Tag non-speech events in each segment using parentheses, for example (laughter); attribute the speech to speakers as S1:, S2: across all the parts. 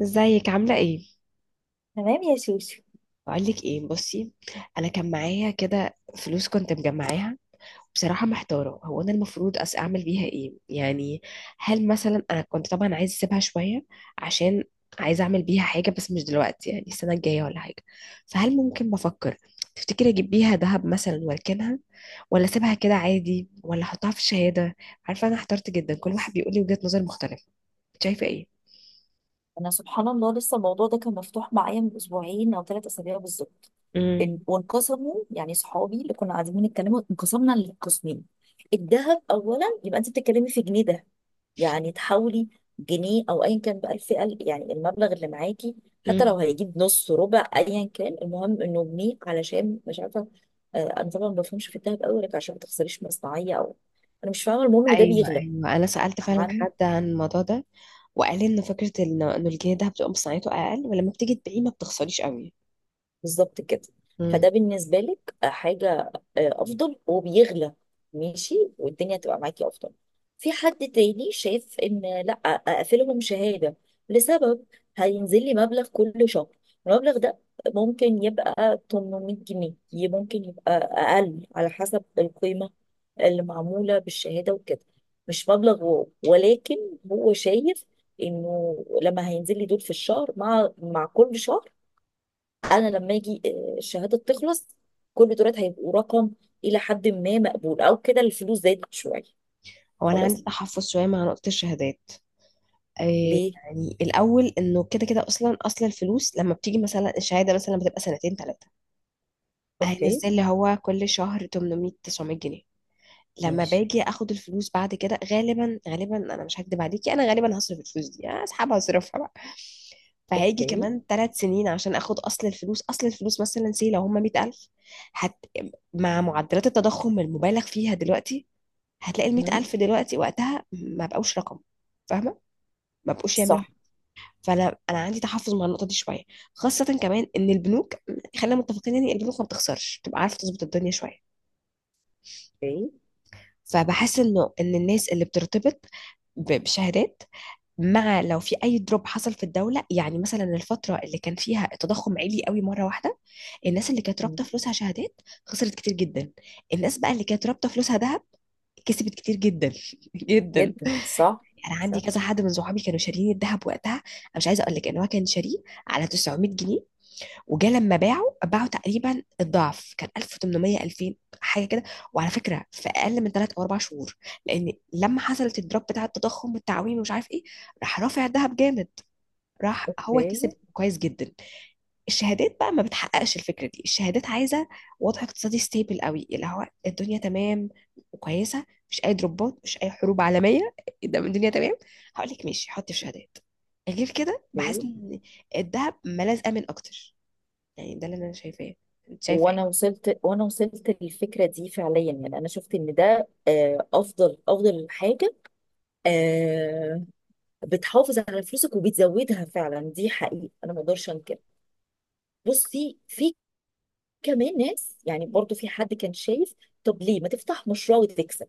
S1: ازيك عاملة ايه؟
S2: تمام يا سوسو.
S1: بقولك ايه، بصي. انا كان معايا كده فلوس كنت مجمعاها. بصراحة محتارة، هو انا المفروض اعمل بيها ايه؟ يعني هل مثلا انا كنت طبعا عايزة اسيبها شوية، عشان عايزة اعمل بيها حاجة بس مش دلوقتي، يعني السنة الجاية ولا حاجة. فهل ممكن، بفكر تفتكري اجيب بيها ذهب مثلا واركنها، ولا اسيبها كده عادي، ولا احطها في شهادة؟ عارفة انا احترت جدا، كل واحد بيقول لي وجهة نظر مختلفة. شايفة ايه؟
S2: انا سبحان الله لسه الموضوع ده كان مفتوح معايا من اسبوعين او ثلاث اسابيع بالظبط. وانقسموا يعني، صحابي اللي كنا قاعدين بنتكلموا انقسمنا لقسمين. الذهب اولا، يبقى انت بتتكلمي في جنيه ده، يعني تحاولي جنيه او ايا كان بقى الفئه يعني المبلغ اللي معاكي، حتى
S1: امم
S2: لو هيجيب نص ربع ايا كان، المهم انه جنيه علشان مش عارفه. انا طبعا ما بفهمش في الذهب قوي لك عشان ما تخسريش مصنعيه او، انا مش فاهمه، المهم ان ده
S1: ايوه
S2: بيغلى.
S1: ايوه، انا سالت فعلا
S2: عن،
S1: حد عن الموضوع ده، وقال لي ان فكره إنه الجنيه ده بتبقى مصنعيته اقل، ولما بتيجي تبيعيه ما بتخسريش قوي.
S2: بالظبط كده.
S1: امم
S2: فده بالنسبة لك حاجة، آه، أفضل وبيغلى، ماشي والدنيا تبقى معاكي أفضل. في حد تاني شايف إن لأ، أقفلهم شهادة لسبب، هينزل لي مبلغ كل شهر. المبلغ ده ممكن يبقى 800 جنيه، ممكن يبقى أقل على حسب القيمة اللي معمولة بالشهادة وكده. مش مبلغ واو، ولكن هو شايف إنه لما هينزل لي دول في الشهر، مع كل شهر، انا لما اجي، الشهاده تخلص، كل دولت هيبقوا رقم الى حد ما مقبول، او كده الفلوس زادت شويه.
S1: هو انا عندي
S2: خلاص.
S1: تحفظ شويه مع نقطه الشهادات. إيه
S2: ليه؟
S1: يعني الاول، انه كده كده اصلا اصل الفلوس، لما بتيجي مثلا الشهاده مثلا بتبقى سنتين ثلاثه،
S2: اوكي.
S1: هينزل لي هو كل شهر 800 900 جنيه. لما
S2: ماشي.
S1: باجي اخد الفلوس بعد كده، غالبا غالبا انا مش هكدب عليكي، انا غالبا هصرف الفلوس دي، اسحبها اصرفها بقى. فهيجي
S2: اوكي.
S1: كمان 3 سنين عشان اخد اصل الفلوس، مثلا سي لو هم 100000. هت... مع معدلات التضخم المبالغ فيها دلوقتي، هتلاقي ال
S2: مم.
S1: 100000 دلوقتي وقتها ما بقوش رقم. فاهمه؟ ما بقوش يعملوا
S2: صح.
S1: حاجة. فانا عندي تحفظ مع النقطه دي شويه. خاصه كمان ان البنوك، خلينا متفقين، يعني البنوك ما بتخسرش، تبقى عارفه تظبط الدنيا شويه.
S2: اوكي.
S1: فبحس انه ان الناس اللي بترتبط بشهادات، مع لو في اي دروب حصل في الدوله، يعني مثلا الفتره اللي كان فيها التضخم عالي قوي مره واحده، الناس اللي كانت
S2: مم.
S1: رابطه فلوسها شهادات خسرت كتير جدا. الناس بقى اللي كانت رابطه فلوسها ذهب كسبت كتير جدا (laughs) جدا.
S2: جدا صح.
S1: انا عندي
S2: صح.
S1: كذا حد من صحابي كانوا شاريين الذهب وقتها، انا مش عايزه اقول لك ان هو كان شاريه على 900 جنيه، وجا لما باعوا تقريبا الضعف، كان 1800 2000، حاجه كده. وعلى فكره في اقل من 3 او 4 شهور، لان لما حصلت الدروب بتاع التضخم والتعويم ومش عارف ايه، راح رافع الذهب جامد، راح هو
S2: اوكي.
S1: كسب كويس جدا. الشهادات بقى ما بتحققش الفكره دي. الشهادات عايزه وضع اقتصادي ستيبل قوي، اللي هو الدنيا تمام وكويسه، مش اي دروبات، مش اي حروب عالميه (laughs) ده من الدنيا تمام هقول لك ماشي حطي في شهادات. غير كده بحس
S2: اوكي.
S1: ان الذهب ملاذ امن اكتر، يعني ده اللي انا شايفاه. انت شايفه ايه؟
S2: وانا وصلت، وانا وصلت للفكره دي فعليا، يعني انا شفت ان ده افضل افضل حاجه. آه، بتحافظ على فلوسك وبتزودها فعلا، دي حقيقه انا ما اقدرش انكر. بصي، في كمان ناس، يعني برضو في حد كان شايف طب ليه ما تفتح مشروع وتكسب؟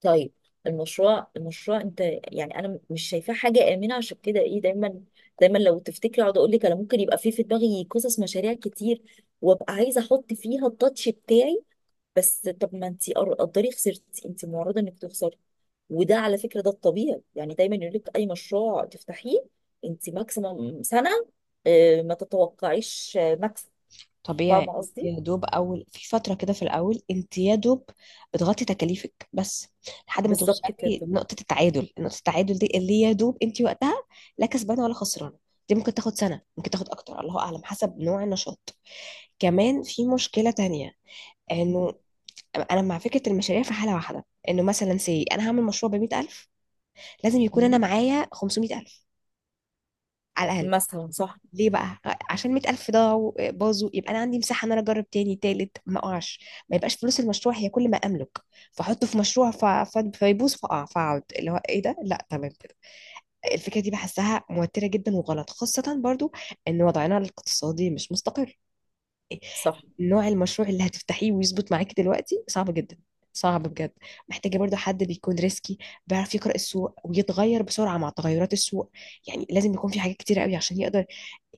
S2: طيب، المشروع، المشروع انت يعني انا مش شايفاه حاجه امنه، عشان كده ايه، دايما دايما لو تفتكري، اقعد اقول لك انا ممكن يبقى في دماغي قصص مشاريع كتير، وابقى عايزه احط فيها التاتش بتاعي. بس طب ما انت قدري خسرتي، انت معرضه انك تخسري، وده على فكره ده الطبيعي، يعني دايما يقول لك اي مشروع تفتحيه انت ماكسيمم سنه اه، ما تتوقعيش مكسب. فاهمه
S1: طبيعي، انت
S2: قصدي.
S1: يا دوب اول في فتره كده، في الاول انت يا دوب بتغطي تكاليفك بس لحد ما
S2: بالظبط
S1: توصلي
S2: كده.
S1: نقطه التعادل. دي اللي يا دوب انت وقتها لا كسبانه ولا خسرانه. دي ممكن تاخد سنه، ممكن تاخد اكتر، الله اعلم حسب نوع النشاط. كمان في مشكله تانية،
S2: مم.
S1: انه انا مع فكره المشاريع في حاله واحده، انه مثلا سي انا هعمل مشروع ب 100000، لازم يكون انا معايا 500000 على الاقل.
S2: مثلا صح.
S1: ليه بقى؟ عشان 100000 ضاعوا باظوا يبقى انا عندي مساحه ان انا اجرب تاني تالت ما اقعش. ما يبقاش فلوس المشروع هي كل ما املك، فاحطه في مشروع فيبوظ فاقع فاقعد اللي هو ايه ده، لا تمام كده. الفكره دي بحسها موتره جدا وغلط، خاصه برضو ان وضعنا الاقتصادي مش مستقر.
S2: صح.
S1: نوع المشروع اللي هتفتحيه ويظبط معاكي دلوقتي صعب جدا، صعب بجد. محتاجة برضو حد بيكون ريسكي، بيعرف يقرأ السوق ويتغير بسرعة مع تغيرات السوق. يعني لازم يكون في حاجات كتير قوي عشان يقدر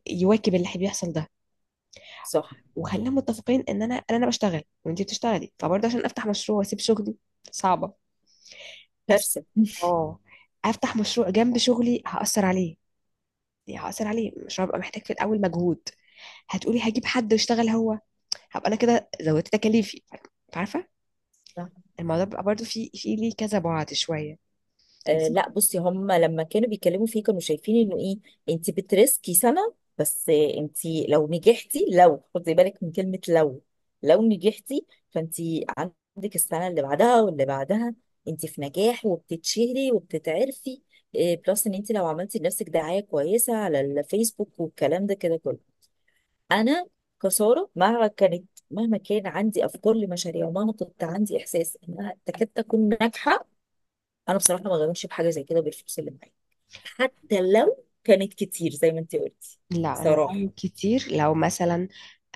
S1: يواكب اللي بيحصل ده.
S2: صح.
S1: وخلينا متفقين ان انا انا أنا بشتغل وانتي بتشتغلي، فبرضه عشان افتح مشروع واسيب شغلي صعبه. أس...
S2: كارثة. (laughs)
S1: اه، افتح مشروع جنب شغلي هأثر عليه، يعني هأثر عليه، مش هبقى محتاج في الاول مجهود؟ هتقولي هجيب حد يشتغل هو، هبقى انا كده زودت تكاليفي، عارفه؟
S2: صح.
S1: الموضوع بيبقى برضه في ليه كذا بعد شويه.
S2: آه
S1: بس-
S2: لا، بصي، هم لما كانوا بيتكلموا فيه كانوا شايفين انه ايه، انت بترسكي سنة بس، انت لو نجحتي، لو خدي بالك من كلمة لو، لو نجحتي، فانت عندك السنة اللي بعدها واللي بعدها، انت في نجاح وبتتشهري وبتتعرفي. آه بلس ان انت لو عملتي لنفسك دعاية كويسة على الفيسبوك والكلام ده كده كله. انا كساره، مهما كانت، مهما كان عندي افكار لمشاريع، ومهما كنت عندي احساس انها تكاد تكون ناجحه، انا بصراحه ما غامرش بحاجه زي كده بالفلوس اللي معايا، حتى لو كانت كتير زي ما انت قلتي.
S1: لا، انا بعمل
S2: صراحه.
S1: كتير لو مثلا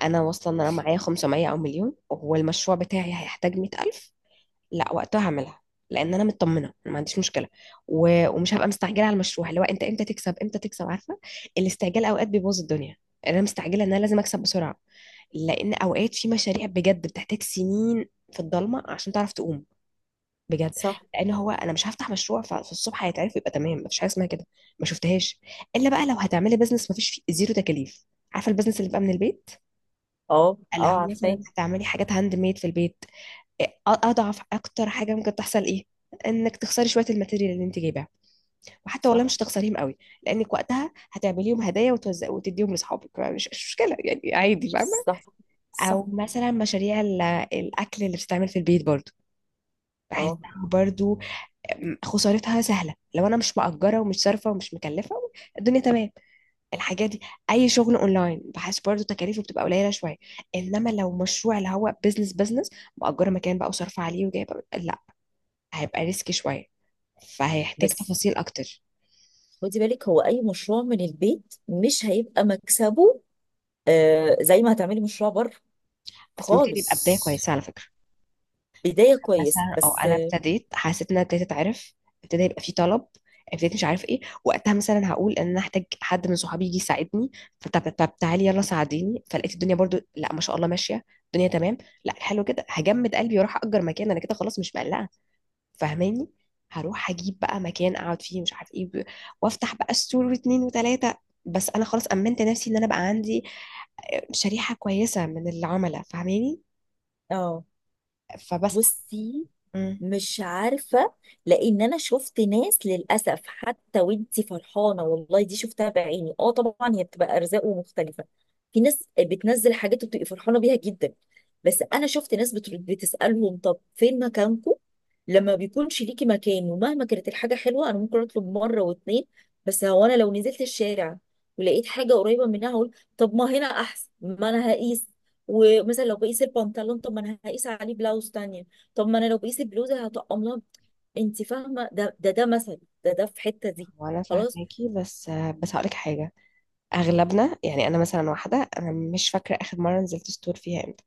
S1: انا واصله ان انا معايا 500 او مليون، والمشروع بتاعي هيحتاج 100000، لا وقتها هعملها، لان انا مطمنه أنا ما عنديش مشكله، ومش هبقى مستعجله على المشروع اللي هو انت امتى تكسب امتى تكسب، عارفه؟ الاستعجال اوقات بيبوظ الدنيا. انا مستعجله ان انا لازم اكسب بسرعه، لان اوقات في مشاريع بجد بتحتاج سنين في الضلمه عشان تعرف تقوم، بجد.
S2: صح.
S1: لان هو انا مش هفتح مشروع ففي الصبح هيتعرف يبقى تمام، مفيش حاجه اسمها كده، ما شفتهاش. الا بقى لو هتعملي بزنس مفيش فيه زيرو تكاليف، عارفه البزنس اللي بقى من البيت.
S2: اه اه
S1: لو
S2: عارفاه.
S1: مثلا هتعملي حاجات هاند ميد في البيت، اضعف اكتر حاجه ممكن تحصل ايه؟ انك تخسري شويه الماتيريال اللي انت جايباها، وحتى
S2: صح.
S1: والله مش هتخسريهم قوي، لانك وقتها هتعمليهم هدايا وتوزع وتديهم لاصحابك، مش مشكله يعني عادي، فاهمه؟
S2: صح. صح.
S1: او مثلا مشاريع الاكل اللي بتتعمل في البيت برضو،
S2: اه.
S1: بحسها برضو خسارتها سهله لو انا مش مأجره ومش صارفه ومش مكلفه، الدنيا تمام. الحاجات دي، اي شغل اونلاين بحس برضو تكاليفه بتبقى قليله شويه. انما لو مشروع اللي هو بيزنس بيزنس، مأجره مكان بقى وصارفه عليه وجايبه، لا هيبقى ريسكي شوية، فهيحتاج
S2: بس
S1: تفاصيل أكتر.
S2: خدي بالك، هو اي مشروع من البيت مش هيبقى مكسبه زي ما هتعملي مشروع بره
S1: بس ممكن يبقى بداية
S2: خالص.
S1: كويسة على فكرة.
S2: بدايه
S1: وكان
S2: كويسه
S1: مثلا، أو
S2: بس.
S1: أنا ابتديت حسيت إن أنا ابتديت أتعرف، ابتدى يبقى في طلب، ابتديت مش عارف إيه، وقتها مثلا هقول إن أنا هحتاج حد من صحابي يجي يساعدني، فطب تعالي يلا ساعديني، فلقيت الدنيا برضو لا ما شاء الله ماشية الدنيا تمام، لا حلو كده، هجمد قلبي واروح أجر مكان، أنا كده خلاص مش مقلقة، فاهماني؟ هروح أجيب بقى مكان أقعد فيه مش عارف إيه، وافتح بقى ستور واتنين وتلاتة. بس انا خلاص امنت نفسي ان انا بقى عندي شريحة كويسة من العملاء، فاهماني؟
S2: اه.
S1: فبس.
S2: بصي،
S1: مم.
S2: مش عارفة، لأن أنا شفت ناس للأسف، حتى وانتي فرحانة، والله دي شفتها بعيني. اه طبعا هي بتبقى أرزاق ومختلفة، في ناس بتنزل حاجات وبتبقي فرحانة بيها جدا، بس أنا شفت ناس بترد بتسألهم طب فين مكانكم؟ لما بيكونش ليكي مكان، ومهما كانت الحاجة حلوة، أنا ممكن أطلب مرة واتنين، بس هو أنا لو نزلت الشارع ولقيت حاجة قريبة منها هقول طب ما هنا أحسن، ما أنا هقيس، ومثلا لو بقيس البنطلون طب ما أنا هقيس عليه بلاوز تانية، طب ما انا لو بقيس البلوزه هطقم لها. انت فاهمه، ده مثل، ده في حته دي.
S1: وانا
S2: خلاص.
S1: فاهماكي، بس هقولك حاجة. اغلبنا، يعني انا مثلا واحدة، انا مش فاكرة اخر مرة نزلت ستور فيها امتى،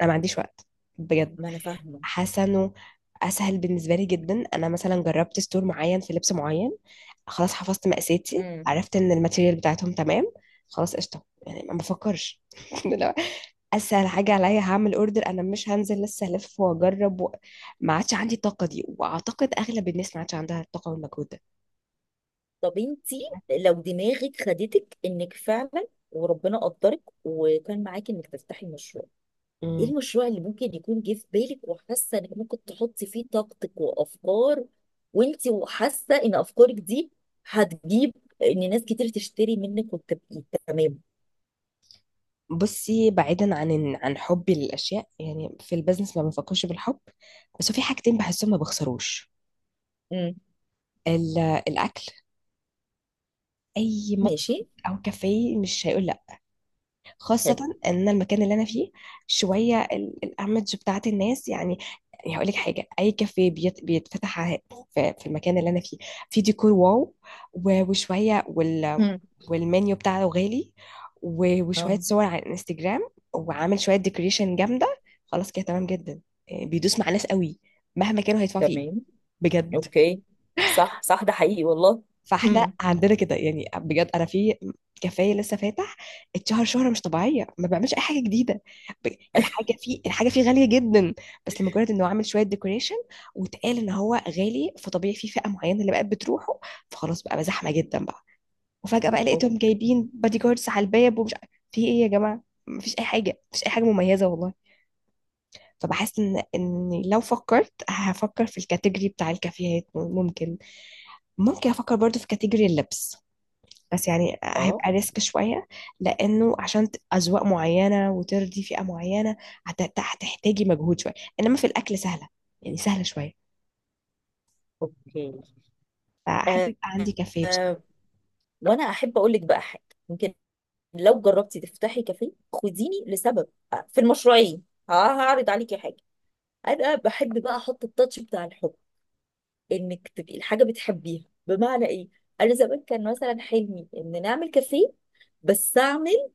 S1: انا ما عنديش وقت، بجد.
S2: ما انا فاهمه.
S1: حاسة انه اسهل بالنسبة لي جدا، انا مثلا جربت ستور معين في لبس معين، خلاص حفظت مقاساتي،
S2: امم.
S1: عرفت ان الماتيريال بتاعتهم تمام، خلاص قشطة يعني ما بفكرش (laughs) اسهل حاجه عليا هعمل اوردر، انا مش هنزل لسه الف واجرب ما عادش عندي الطاقه دي، واعتقد اغلب الناس ما عادش عندها الطاقه والمجهود ده.
S2: طب انت لو دماغك خدتك انك فعلا وربنا قدرك وكان معاكي انك تفتحي مشروع، ايه
S1: مم.
S2: المشروع اللي ممكن يكون جه في بالك وحاسه انك ممكن تحطي فيه طاقتك وافكار، وانت وحاسه ان افكارك دي هتجيب ان ناس كتير تشتري منك وتبقي تمام.
S1: بصي، بعيدا عن عن حبي للاشياء، يعني في البيزنس ما بفكرش بالحب، بس في حاجتين بحسهم ما بخسروش.
S2: امم.
S1: ال- الاكل، اي مطعم
S2: ماشي.
S1: او كافيه مش هيقول، خاصة
S2: حلو.
S1: ان أنا المكان اللي انا فيه شوية الايمج بتاعت الناس، يعني. هقول لك حاجة، اي كافيه بيتفتح في المكان اللي انا فيه، في ديكور واو، وشوية
S2: امم.
S1: والمنيو بتاعه غالي، وشوية
S2: اه.
S1: صور على الانستجرام، وعامل شوية ديكوريشن جامدة، خلاص كده تمام جدا، إيه، بيدوس مع ناس قوي، مهما كانوا هيدفعوا فيه،
S2: تمام.
S1: بجد.
S2: اوكي. صح صح، ده حقيقي والله.
S1: فاحنا
S2: امم.
S1: عندنا كده يعني، بجد، انا في كافيه لسه فاتح، اتشهر شهره مش طبيعيه، ما بعملش اي حاجه جديده. ب-
S2: (laughs)
S1: الحاجه فيه غاليه جدا، بس لمجرد انه عامل شويه ديكوريشن واتقال ان هو غالي، فطبيعي في فئه معينه اللي بقت بتروحه، فخلاص بقى زحمه جدا بقى. وفجاه بقى لقيتهم
S2: أوك-،
S1: جايبين بادي جاردز على الباب ومش في ايه يا جماعه؟ مفيش اي حاجه، مفيش اي حاجه مميزه والله. فبحس ان لو فكرت هفكر في الكاتيجوري بتاع الكافيهات، ممكن افكر برضو في كاتيجوري اللبس، بس يعني
S2: اه.
S1: هيبقى ريسك شوية، لأنه عشان أذواق معينة وترضي فئة معينة، هتحتاجي مجهود شوية. إنما في الأكل سهلة، يعني سهلة شوية،
S2: اوكي.
S1: فأحب
S2: آه.
S1: يبقى عندي كافيه بصراحة.
S2: آه، وانا احب اقول لك بقى حاجه، يمكن لو جربتي تفتحي كافيه خديني لسبب، في المشروعين هعرض عليكي حاجه، انا بحب بقى احط التاتش بتاع الحب، انك تبقي الحاجه بتحبيها، بمعنى ايه؟ انا زمان كان مثلا حلمي ان نعمل كافيه، بس اعمل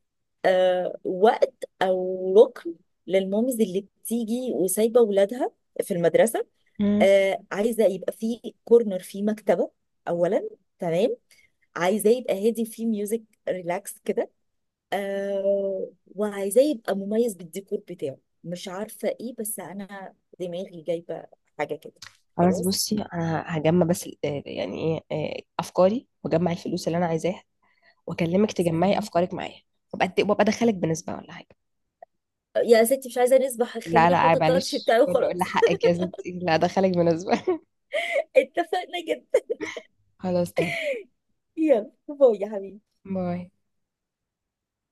S2: وقت او ركن للمامز اللي بتيجي وسايبه ولادها في المدرسه.
S1: مم.
S2: آه، عايزه يبقى في كورنر في مكتبه اولا، تمام، عايزاه يبقى هادي فيه ميوزك، ريلاكس كده، آه، وعايزاه يبقى مميز بالديكور بتاعه، مش عارفه ايه، بس انا دماغي جايبه حاجه كده.
S1: خلاص
S2: خلاص.
S1: بصي، أنا هجمع بس يعني إيه أفكاري، وأجمع الفلوس اللي أنا عايزاها، وأكلمك تجمعي
S2: سلام.
S1: أفكارك معايا، وأبقى أدخلك بنسبة ولا حاجة.
S2: يا ستي مش عايزه نسبح،
S1: لا
S2: خليني
S1: لا،
S2: احط
S1: عيب
S2: التاتش
S1: معلش،
S2: بتاعي
S1: كله
S2: وخلاص.
S1: إلا حقك يا ستي، لا أدخلك بنسبة (laughs)
S2: (laughs) اتفقنا جدا.
S1: خلاص تمام.
S2: يلا باي يا حبيبي.
S1: باي